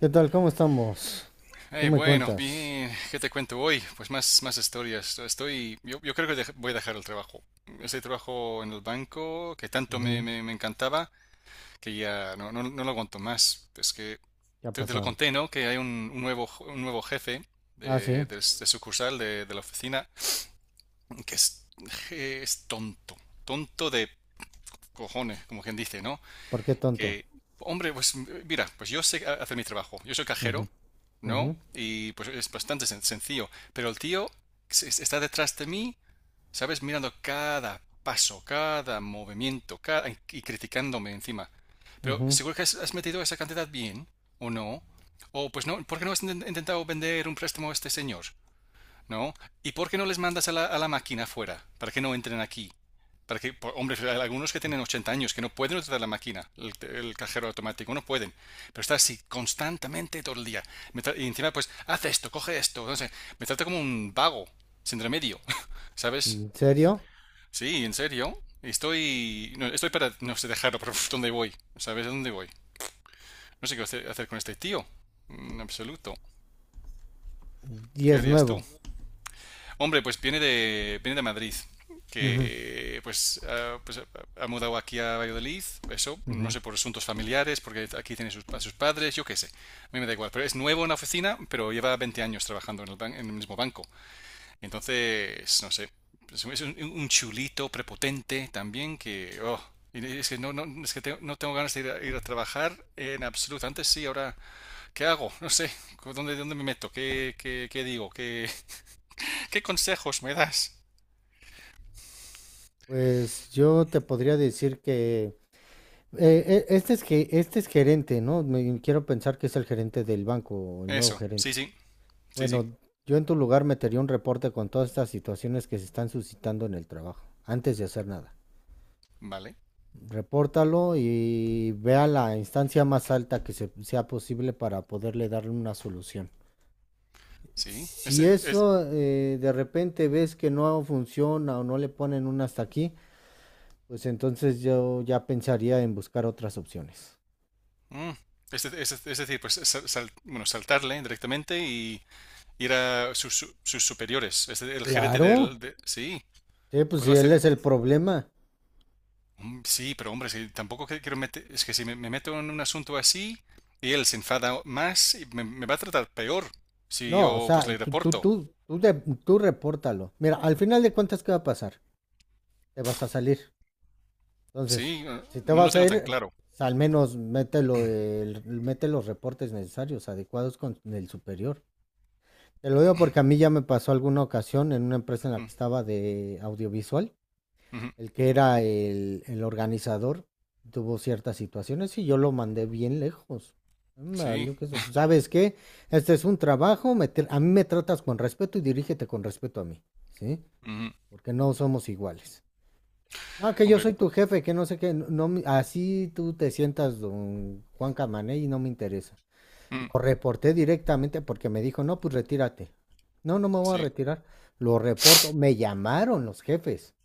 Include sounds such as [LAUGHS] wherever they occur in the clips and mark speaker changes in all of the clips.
Speaker 1: ¿Qué tal? ¿Cómo estamos? ¿Qué me
Speaker 2: Bueno,
Speaker 1: cuentas?
Speaker 2: bien, ¿qué te cuento hoy? Pues más historias. Yo creo que voy a dejar el trabajo. Ese trabajo en el banco que tanto me,
Speaker 1: Ujú.
Speaker 2: me, me encantaba, que ya no lo aguanto más. Es que
Speaker 1: ¿Qué ha
Speaker 2: te lo
Speaker 1: pasado?
Speaker 2: conté, ¿no? Que hay un nuevo jefe
Speaker 1: Ah,
Speaker 2: de,
Speaker 1: sí.
Speaker 2: de, s- de sucursal de la oficina que es tonto, tonto de cojones, como quien dice, ¿no?
Speaker 1: ¿Por qué tonto?
Speaker 2: Que, hombre, pues mira, pues yo sé hacer mi trabajo. Yo soy
Speaker 1: Ujú,
Speaker 2: cajero,
Speaker 1: ujú,
Speaker 2: ¿no? Y pues es bastante sencillo. Pero el tío está detrás de mí, ¿sabes? Mirando cada paso, cada movimiento, y criticándome encima. Pero
Speaker 1: ujú.
Speaker 2: seguro que has metido esa cantidad bien, ¿o no? O pues no, ¿por qué no has intentado vender un préstamo a este señor? ¿No? ¿Y por qué no les mandas a la máquina afuera? ¿Para que no entren aquí? Para que, hombre, hay algunos que tienen 80 años que no pueden utilizar la máquina, el cajero automático, no pueden. Pero está así constantemente todo el día. Y encima, pues, haz esto, coge esto. No sé, me trata como un vago, sin remedio. [LAUGHS] ¿Sabes?
Speaker 1: ¿En serio?
Speaker 2: Sí, en serio. Estoy, no, estoy para, no sé, dejarlo, pero ¿dónde voy? ¿Sabes a dónde voy? No sé qué hacer con este tío. En absoluto.
Speaker 1: Y
Speaker 2: ¿Qué
Speaker 1: es
Speaker 2: harías tú?
Speaker 1: nuevo.
Speaker 2: Hombre, pues viene de Madrid,
Speaker 1: Ujú,
Speaker 2: que pues, ha mudado aquí a Valladolid, eso, no
Speaker 1: ujú.
Speaker 2: sé, por asuntos familiares, porque aquí tiene a sus padres, yo qué sé, a mí me da igual, pero es nuevo en la oficina, pero lleva 20 años trabajando en el mismo banco, entonces, no sé, es un chulito prepotente también que, oh, y es que no, no, es que no tengo ganas de ir a trabajar en absoluto, antes sí, ahora, ¿qué hago? No sé, ¿dónde me meto? ¿Qué digo? ¿Qué, [LAUGHS] qué consejos me das?
Speaker 1: Pues yo te podría decir que este es que este es gerente, ¿no? Quiero pensar que es el gerente del banco, o el nuevo
Speaker 2: Eso,
Speaker 1: gerente.
Speaker 2: sí, sí, sí, sí,
Speaker 1: Bueno, yo en tu lugar metería un reporte con todas estas situaciones que se están suscitando en el trabajo, antes de hacer nada.
Speaker 2: vale,
Speaker 1: Repórtalo y vea la instancia más alta que sea posible para poderle darle una solución.
Speaker 2: sí.
Speaker 1: Si
Speaker 2: Este, es,
Speaker 1: eso, de repente ves que no funciona o no le ponen un hasta aquí, pues entonces yo ya pensaría en buscar otras opciones.
Speaker 2: mm, este- este- es, de- Es decir, pues bueno, saltarle directamente y ir a sus superiores. Es el gerente
Speaker 1: Claro,
Speaker 2: sí,
Speaker 1: sí, pues
Speaker 2: puedo
Speaker 1: si él
Speaker 2: hacer.
Speaker 1: es el problema.
Speaker 2: Mm, sí, pero hombre, si tampoco quiero meter. Es que si me meto en un asunto así y él se enfada más, y me va a tratar peor si
Speaker 1: No, o
Speaker 2: yo pues
Speaker 1: sea,
Speaker 2: le
Speaker 1: tú, tú,
Speaker 2: reporto.
Speaker 1: tú, tú, de- tú repórtalo. Mira, al final de cuentas, ¿qué va a pasar? Te vas a salir. Entonces,
Speaker 2: Sí,
Speaker 1: si te
Speaker 2: no lo
Speaker 1: vas a
Speaker 2: tengo tan
Speaker 1: ir,
Speaker 2: claro.
Speaker 1: al menos mételo, mete los reportes necesarios, adecuados con el superior. Te lo digo porque a mí ya me pasó alguna ocasión en una empresa en la
Speaker 2: Mm,
Speaker 1: que estaba de audiovisual,
Speaker 2: ujú,
Speaker 1: el que era el organizador tuvo ciertas situaciones y yo lo mandé bien lejos. Me
Speaker 2: sí,
Speaker 1: valió que eso. ¿Sabes qué? Este es un trabajo, a mí me tratas con respeto y dirígete con respeto a mí, ¿sí?
Speaker 2: ujú,
Speaker 1: Porque no somos iguales. No, que yo
Speaker 2: hombre,
Speaker 1: soy tu jefe, que no sé qué, no, así tú te sientas don Juan Camané y no me interesa.
Speaker 2: mm,
Speaker 1: Lo reporté directamente porque me dijo, no, pues retírate. No, no me voy a
Speaker 2: sí,
Speaker 1: retirar. Lo reporto. Me llamaron los jefes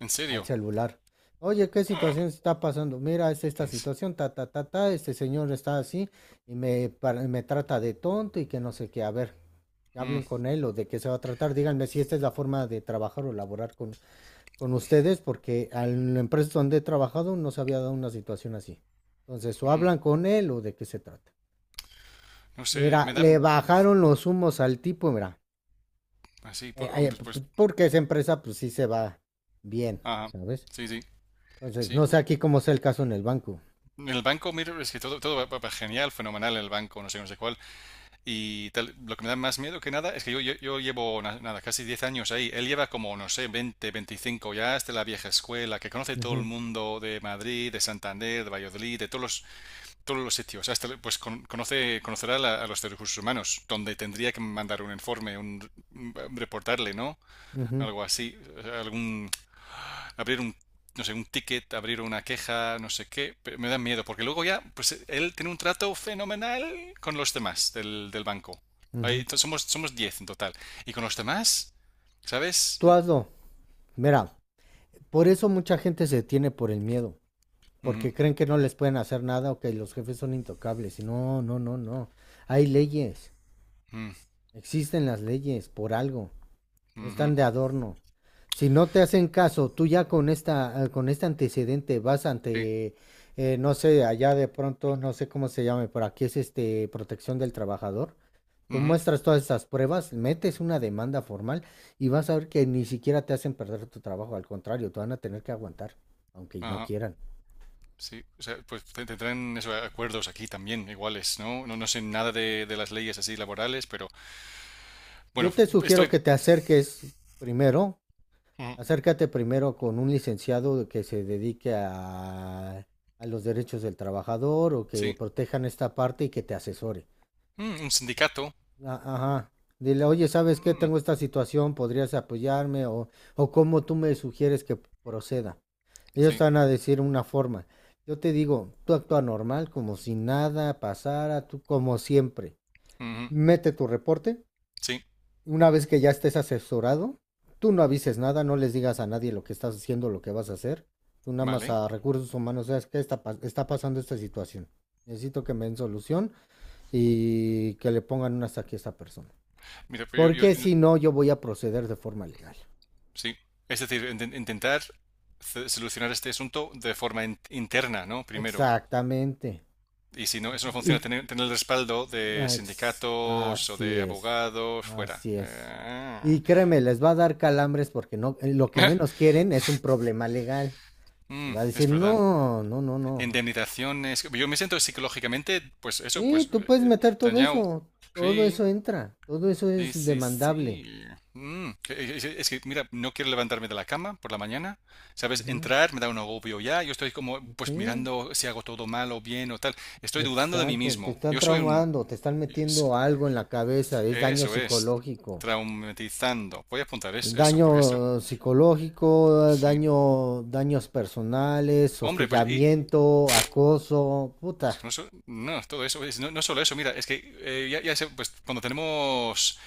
Speaker 2: en
Speaker 1: al
Speaker 2: serio.
Speaker 1: celular. Oye, ¿qué situación está pasando? Mira, es esta
Speaker 2: En se-
Speaker 1: situación, ta, ta, ta, ta, este señor está así y me, me trata de tonto y que no sé qué. A ver,
Speaker 2: mm,
Speaker 1: hablen con él o de qué se va a tratar. Díganme si esta es la forma de trabajar o laborar con ustedes porque en la empresa donde he trabajado no se había dado una situación así. Entonces, o
Speaker 2: mm.
Speaker 1: hablan con él o de qué se trata.
Speaker 2: No sé,
Speaker 1: Era,
Speaker 2: me
Speaker 1: le
Speaker 2: dan
Speaker 1: bajaron los humos al tipo, mira,
Speaker 2: así,
Speaker 1: eh, eh,
Speaker 2: pues,
Speaker 1: porque esa empresa pues sí se va bien,
Speaker 2: ajá,
Speaker 1: ¿sabes?
Speaker 2: sí, sí,
Speaker 1: Entonces,
Speaker 2: sí.
Speaker 1: no sé aquí cómo sea el caso en el banco.
Speaker 2: En el banco, mira, es que todo va genial, fenomenal en el banco, no sé, cuál. Y tal, lo que me da más miedo que nada es que yo llevo, nada, casi 10 años ahí. Él lleva como, no sé, 20, 25, ya es de la vieja escuela, que conoce todo el
Speaker 1: Ujú,
Speaker 2: mundo de Madrid, de Santander, de Valladolid, de todos los sitios. Hasta, pues conoce, conocerá a a los de recursos humanos, donde tendría que mandar un informe, reportarle, ¿no?
Speaker 1: ujú,
Speaker 2: Algo así, algún abrir un, no sé, un ticket, abrir una queja, no sé qué, me da miedo, porque luego ya, pues él tiene un trato fenomenal con los demás del banco. Ahí,
Speaker 1: ujú.
Speaker 2: entonces somos 10 en total. Y con los demás, ¿sabes?
Speaker 1: Tú hazlo. Mira, por eso mucha gente se detiene por el miedo,
Speaker 2: Ujú,
Speaker 1: porque creen que no les pueden hacer nada o que los jefes son intocables. Y no, no, no, no. Hay leyes,
Speaker 2: ujú,
Speaker 1: existen las leyes por algo. No
Speaker 2: ujú,
Speaker 1: están de adorno. Si no te hacen caso, tú ya con esta, con este antecedente vas
Speaker 2: sí,
Speaker 1: ante, no sé, allá de pronto, no sé cómo se llame, por aquí es este protección del trabajador. Tú
Speaker 2: ujú,
Speaker 1: muestras todas esas pruebas, metes una demanda formal y vas a ver que ni siquiera te hacen perder tu trabajo, al contrario, te van a tener que aguantar, aunque no
Speaker 2: ajá,
Speaker 1: quieran.
Speaker 2: sí. O sea, pues tendrán esos acuerdos aquí también, iguales, ¿no? No, no sé nada de las leyes así laborales, pero bueno,
Speaker 1: Yo te sugiero
Speaker 2: estoy.
Speaker 1: que te acerques primero.
Speaker 2: Ujú,
Speaker 1: Acércate primero con un licenciado que se dedique a los derechos del trabajador o que
Speaker 2: sí.
Speaker 1: protejan esta parte y que te asesore.
Speaker 2: Un sindicato.
Speaker 1: Ajá. Dile, oye, ¿sabes qué?
Speaker 2: Mm,
Speaker 1: Tengo esta situación, ¿podrías apoyarme? O cómo tú me sugieres que proceda. Ellos
Speaker 2: sí.
Speaker 1: te van a decir una forma. Yo te digo, tú actúa normal, como si nada pasara, tú como siempre.
Speaker 2: Ujú,
Speaker 1: Mete tu reporte
Speaker 2: sí.
Speaker 1: una vez que ya estés asesorado, tú no avises nada, no les digas a nadie lo que estás haciendo, lo que vas a hacer. Tú nada más
Speaker 2: Vale.
Speaker 1: a recursos humanos, ¿sabes qué está pasando esta situación? Necesito que me den solución y que le pongan una hasta aquí a esta persona.
Speaker 2: Mira, pero
Speaker 1: Porque si no, yo voy a proceder de forma legal.
Speaker 2: sí, es decir, intentar solucionar este asunto de forma interna, ¿no? Primero.
Speaker 1: Exactamente.
Speaker 2: Y si no, eso no funciona,
Speaker 1: Y-
Speaker 2: tener el respaldo de sindicatos o
Speaker 1: Así
Speaker 2: de
Speaker 1: es.
Speaker 2: abogados fuera.
Speaker 1: Así es. Y créeme, les va a dar calambres porque no, lo que menos
Speaker 2: [LAUGHS]
Speaker 1: quieren es un problema legal. Y va a decir,
Speaker 2: Es verdad.
Speaker 1: no, no, no, no.
Speaker 2: Indemnizaciones. Yo me siento psicológicamente, pues eso,
Speaker 1: Sí,
Speaker 2: pues
Speaker 1: tú puedes meter
Speaker 2: dañado.
Speaker 1: todo
Speaker 2: Sí,
Speaker 1: eso entra, todo eso
Speaker 2: sí,
Speaker 1: es
Speaker 2: sí, sí.
Speaker 1: demandable.
Speaker 2: Es que, mira, no quiero levantarme de la cama por la mañana. ¿Sabes?
Speaker 1: Ujú.
Speaker 2: Entrar me da un agobio ya. Yo estoy como, pues
Speaker 1: Sí,
Speaker 2: mirando si hago todo mal o bien o tal. Estoy dudando de mí
Speaker 1: exacto, te
Speaker 2: mismo.
Speaker 1: están
Speaker 2: Yo soy un.
Speaker 1: traumando, te están
Speaker 2: Sí,
Speaker 1: metiendo algo en la cabeza, es daño
Speaker 2: eso es.
Speaker 1: psicológico.
Speaker 2: Traumatizando. Voy a apuntar eso, porque esto.
Speaker 1: Daño psicológico,
Speaker 2: Sí.
Speaker 1: daño, daños personales,
Speaker 2: Hombre, pues. Y,
Speaker 1: hostigamiento, acoso, puta.
Speaker 2: no, no, todo eso. No, no solo eso, mira, es que ya sé, pues cuando tenemos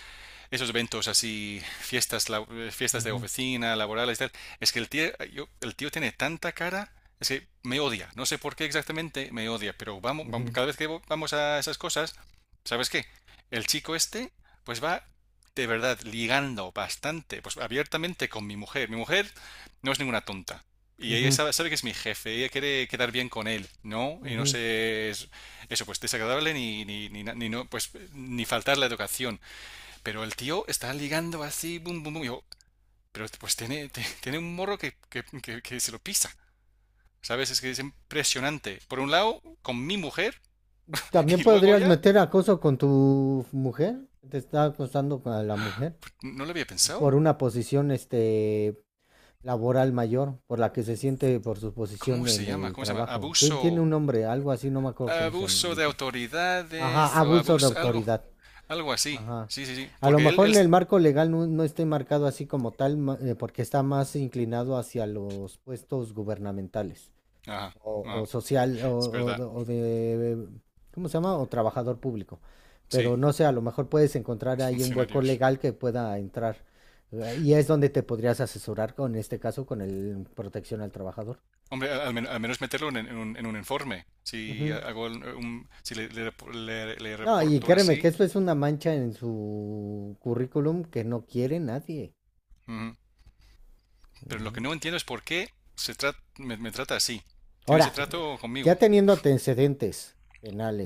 Speaker 2: esos eventos así, fiestas, fiestas de
Speaker 1: Ujú,
Speaker 2: oficina, laborales, tal, es que el tío tiene tanta cara, es que me odia. No sé por qué exactamente me odia, pero vamos,
Speaker 1: ujú,
Speaker 2: cada vez que vamos a esas cosas, ¿sabes qué? El chico este, pues va de verdad ligando bastante, pues abiertamente con mi mujer. Mi mujer no es ninguna tonta. Y ella
Speaker 1: ujú,
Speaker 2: sabe que es mi jefe, ella quiere quedar bien con él, ¿no? Y no
Speaker 1: ujú.
Speaker 2: sé, eso pues desagradable ni, ni no, pues ni faltar la educación. Pero el tío está ligando así, bum, bum, bum. Pero pues tiene un morro que se lo pisa. ¿Sabes? Es que es impresionante. Por un lado, con mi mujer, [LAUGHS]
Speaker 1: También
Speaker 2: y luego
Speaker 1: podrías
Speaker 2: ya,
Speaker 1: meter acoso con tu mujer, te está acosando con la mujer
Speaker 2: no lo había pensado.
Speaker 1: por una posición, este, laboral mayor, por la que se siente por su
Speaker 2: ¿Cómo
Speaker 1: posición
Speaker 2: se
Speaker 1: en
Speaker 2: llama?
Speaker 1: el
Speaker 2: ¿Cómo se llama?
Speaker 1: trabajo. Tiene
Speaker 2: Abuso.
Speaker 1: un nombre, algo así, no me acuerdo cómo se llama,
Speaker 2: Abuso de
Speaker 1: dice. Ajá,
Speaker 2: autoridades o
Speaker 1: abuso de
Speaker 2: abuso, algo,
Speaker 1: autoridad.
Speaker 2: algo así.
Speaker 1: Ajá.
Speaker 2: Sí, sí, sí.
Speaker 1: A lo
Speaker 2: Porque él,
Speaker 1: mejor
Speaker 2: él...
Speaker 1: en el marco legal no, no esté marcado así como tal, porque está más inclinado hacia los puestos gubernamentales
Speaker 2: Ajá,
Speaker 1: o
Speaker 2: ajá.
Speaker 1: social o,
Speaker 2: Es verdad.
Speaker 1: o de, ¿cómo se llama? O trabajador público.
Speaker 2: Sí,
Speaker 1: Pero no sé, a lo mejor puedes encontrar
Speaker 2: los
Speaker 1: ahí un hueco
Speaker 2: funcionarios.
Speaker 1: legal que pueda entrar. Y es donde te podrías asesorar con en este caso, con el protección al trabajador.
Speaker 2: Hombre, al menos meterlo en, en un informe. Si
Speaker 1: Ujú.
Speaker 2: hago si le
Speaker 1: No, y
Speaker 2: reporto
Speaker 1: créeme que
Speaker 2: así.
Speaker 1: esto es una mancha en su currículum que no quiere nadie.
Speaker 2: Ujú. Pero lo
Speaker 1: Ujú.
Speaker 2: que no entiendo es por qué me trata así. Tiene ese
Speaker 1: Ahora,
Speaker 2: trato
Speaker 1: ya
Speaker 2: conmigo.
Speaker 1: teniendo antecedentes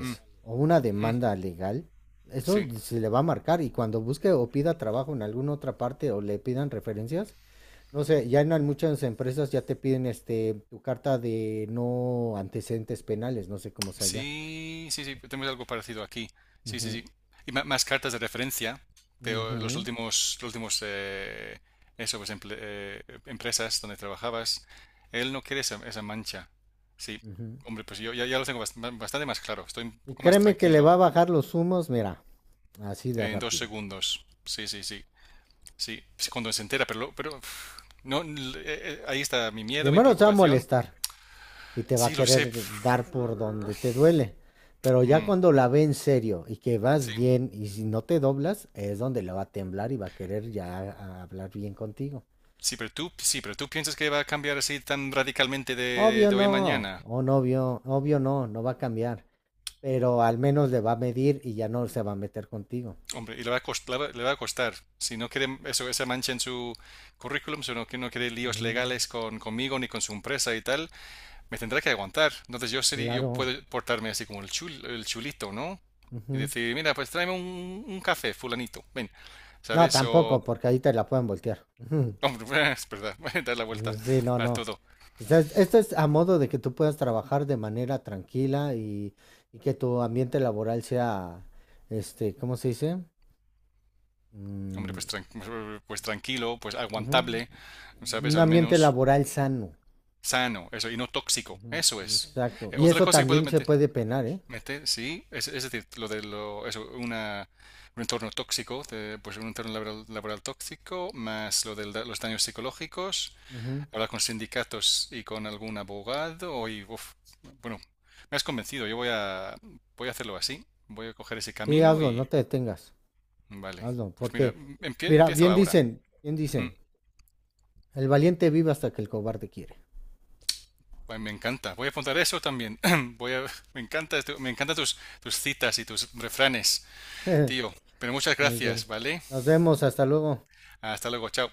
Speaker 2: Mm,
Speaker 1: o una demanda legal, eso
Speaker 2: sí.
Speaker 1: se le va a marcar y cuando busque o pida trabajo en alguna otra parte o le pidan referencias, no sé, ya en muchas empresas ya te piden este tu carta de no antecedentes penales, no sé cómo sea ya.
Speaker 2: Sí, sí, sí. Tenemos algo parecido aquí. Sí, sí,
Speaker 1: Ujú,
Speaker 2: sí. Y más cartas de referencia de los
Speaker 1: ujú,
Speaker 2: últimos, los últimos eso, pues, empresas donde trabajabas. Él no quiere esa mancha. Sí.
Speaker 1: ujú.
Speaker 2: Hombre, pues yo ya lo tengo bastante más claro. Estoy un
Speaker 1: Y
Speaker 2: poco más
Speaker 1: créeme que le
Speaker 2: tranquilo
Speaker 1: va a bajar los humos, mira, así de
Speaker 2: en dos
Speaker 1: rápido.
Speaker 2: segundos. Sí, sí, sí. Sí, sí, cuando se entera, pero, pero pf, no, ahí está mi miedo, mi
Speaker 1: Primero se va a
Speaker 2: preocupación.
Speaker 1: molestar, y te va a
Speaker 2: Sí, lo sé.
Speaker 1: querer
Speaker 2: Pf,
Speaker 1: dar por donde te duele. Pero ya
Speaker 2: mm,
Speaker 1: cuando la ve en serio y que vas
Speaker 2: sí,
Speaker 1: bien y si no te doblas, es donde le va a temblar y va a querer ya hablar bien contigo.
Speaker 2: pero tú piensas que va a cambiar así tan radicalmente de,
Speaker 1: Obvio
Speaker 2: de hoy a
Speaker 1: no,
Speaker 2: mañana.
Speaker 1: o no obvio obvio no, no va a cambiar, pero al menos le va a medir y ya no se va a meter contigo.
Speaker 2: Hombre, y le va a costar. Si no quiere eso, esa mancha en su currículum, si no, que no quiere líos
Speaker 1: Ujú,
Speaker 2: legales conmigo ni con su empresa y tal, me tendrá que aguantar. Entonces yo sería, yo
Speaker 1: claro,
Speaker 2: puedo portarme así como el chulito, ¿no? Y
Speaker 1: ujú.
Speaker 2: decir, mira, pues tráeme un café, fulanito, ven,
Speaker 1: No,
Speaker 2: ¿sabes?
Speaker 1: tampoco, porque ahí te la pueden voltear. [LAUGHS]
Speaker 2: Hombre, es verdad, [LAUGHS] dar la vuelta
Speaker 1: Pues sí, no,
Speaker 2: a
Speaker 1: no.
Speaker 2: todo.
Speaker 1: O sea, esto es a modo de que tú puedas trabajar de manera tranquila y que tu ambiente laboral sea, este, ¿cómo se dice?
Speaker 2: Hombre,
Speaker 1: Mm,
Speaker 2: pues, [LAUGHS] pues tranquilo, pues
Speaker 1: ujú.
Speaker 2: aguantable, ¿sabes?
Speaker 1: Un
Speaker 2: Al
Speaker 1: ambiente
Speaker 2: menos
Speaker 1: laboral sano.
Speaker 2: sano, eso, y no tóxico,
Speaker 1: Ujú,
Speaker 2: eso es.
Speaker 1: exacto. Y
Speaker 2: Otra
Speaker 1: eso
Speaker 2: cosa que puedo
Speaker 1: también se
Speaker 2: meter,
Speaker 1: puede penar, ¿eh?
Speaker 2: sí, es, decir, lo de lo, eso, una, un entorno tóxico, pues un entorno laboral tóxico, más lo de los daños psicológicos,
Speaker 1: Ujú.
Speaker 2: hablar con sindicatos y con algún abogado, y, uf, bueno, me has convencido, yo voy a hacerlo así, voy a coger ese
Speaker 1: Sí,
Speaker 2: camino
Speaker 1: hazlo, no te detengas.
Speaker 2: Vale,
Speaker 1: Hazlo,
Speaker 2: pues mira,
Speaker 1: porque, mira,
Speaker 2: empiezo ahora.
Speaker 1: bien
Speaker 2: Mm,
Speaker 1: dicen, el valiente vive hasta que el cobarde quiere.
Speaker 2: Ay, me encanta. Voy a apuntar eso también. [CLEARS THROAT] Voy a, me encanta, esto- Me encantan tus citas y tus refranes,
Speaker 1: [LAUGHS]
Speaker 2: tío. Pero muchas
Speaker 1: Muy bien.
Speaker 2: gracias, ¿vale?
Speaker 1: Nos vemos, hasta luego.
Speaker 2: Hasta luego, chao.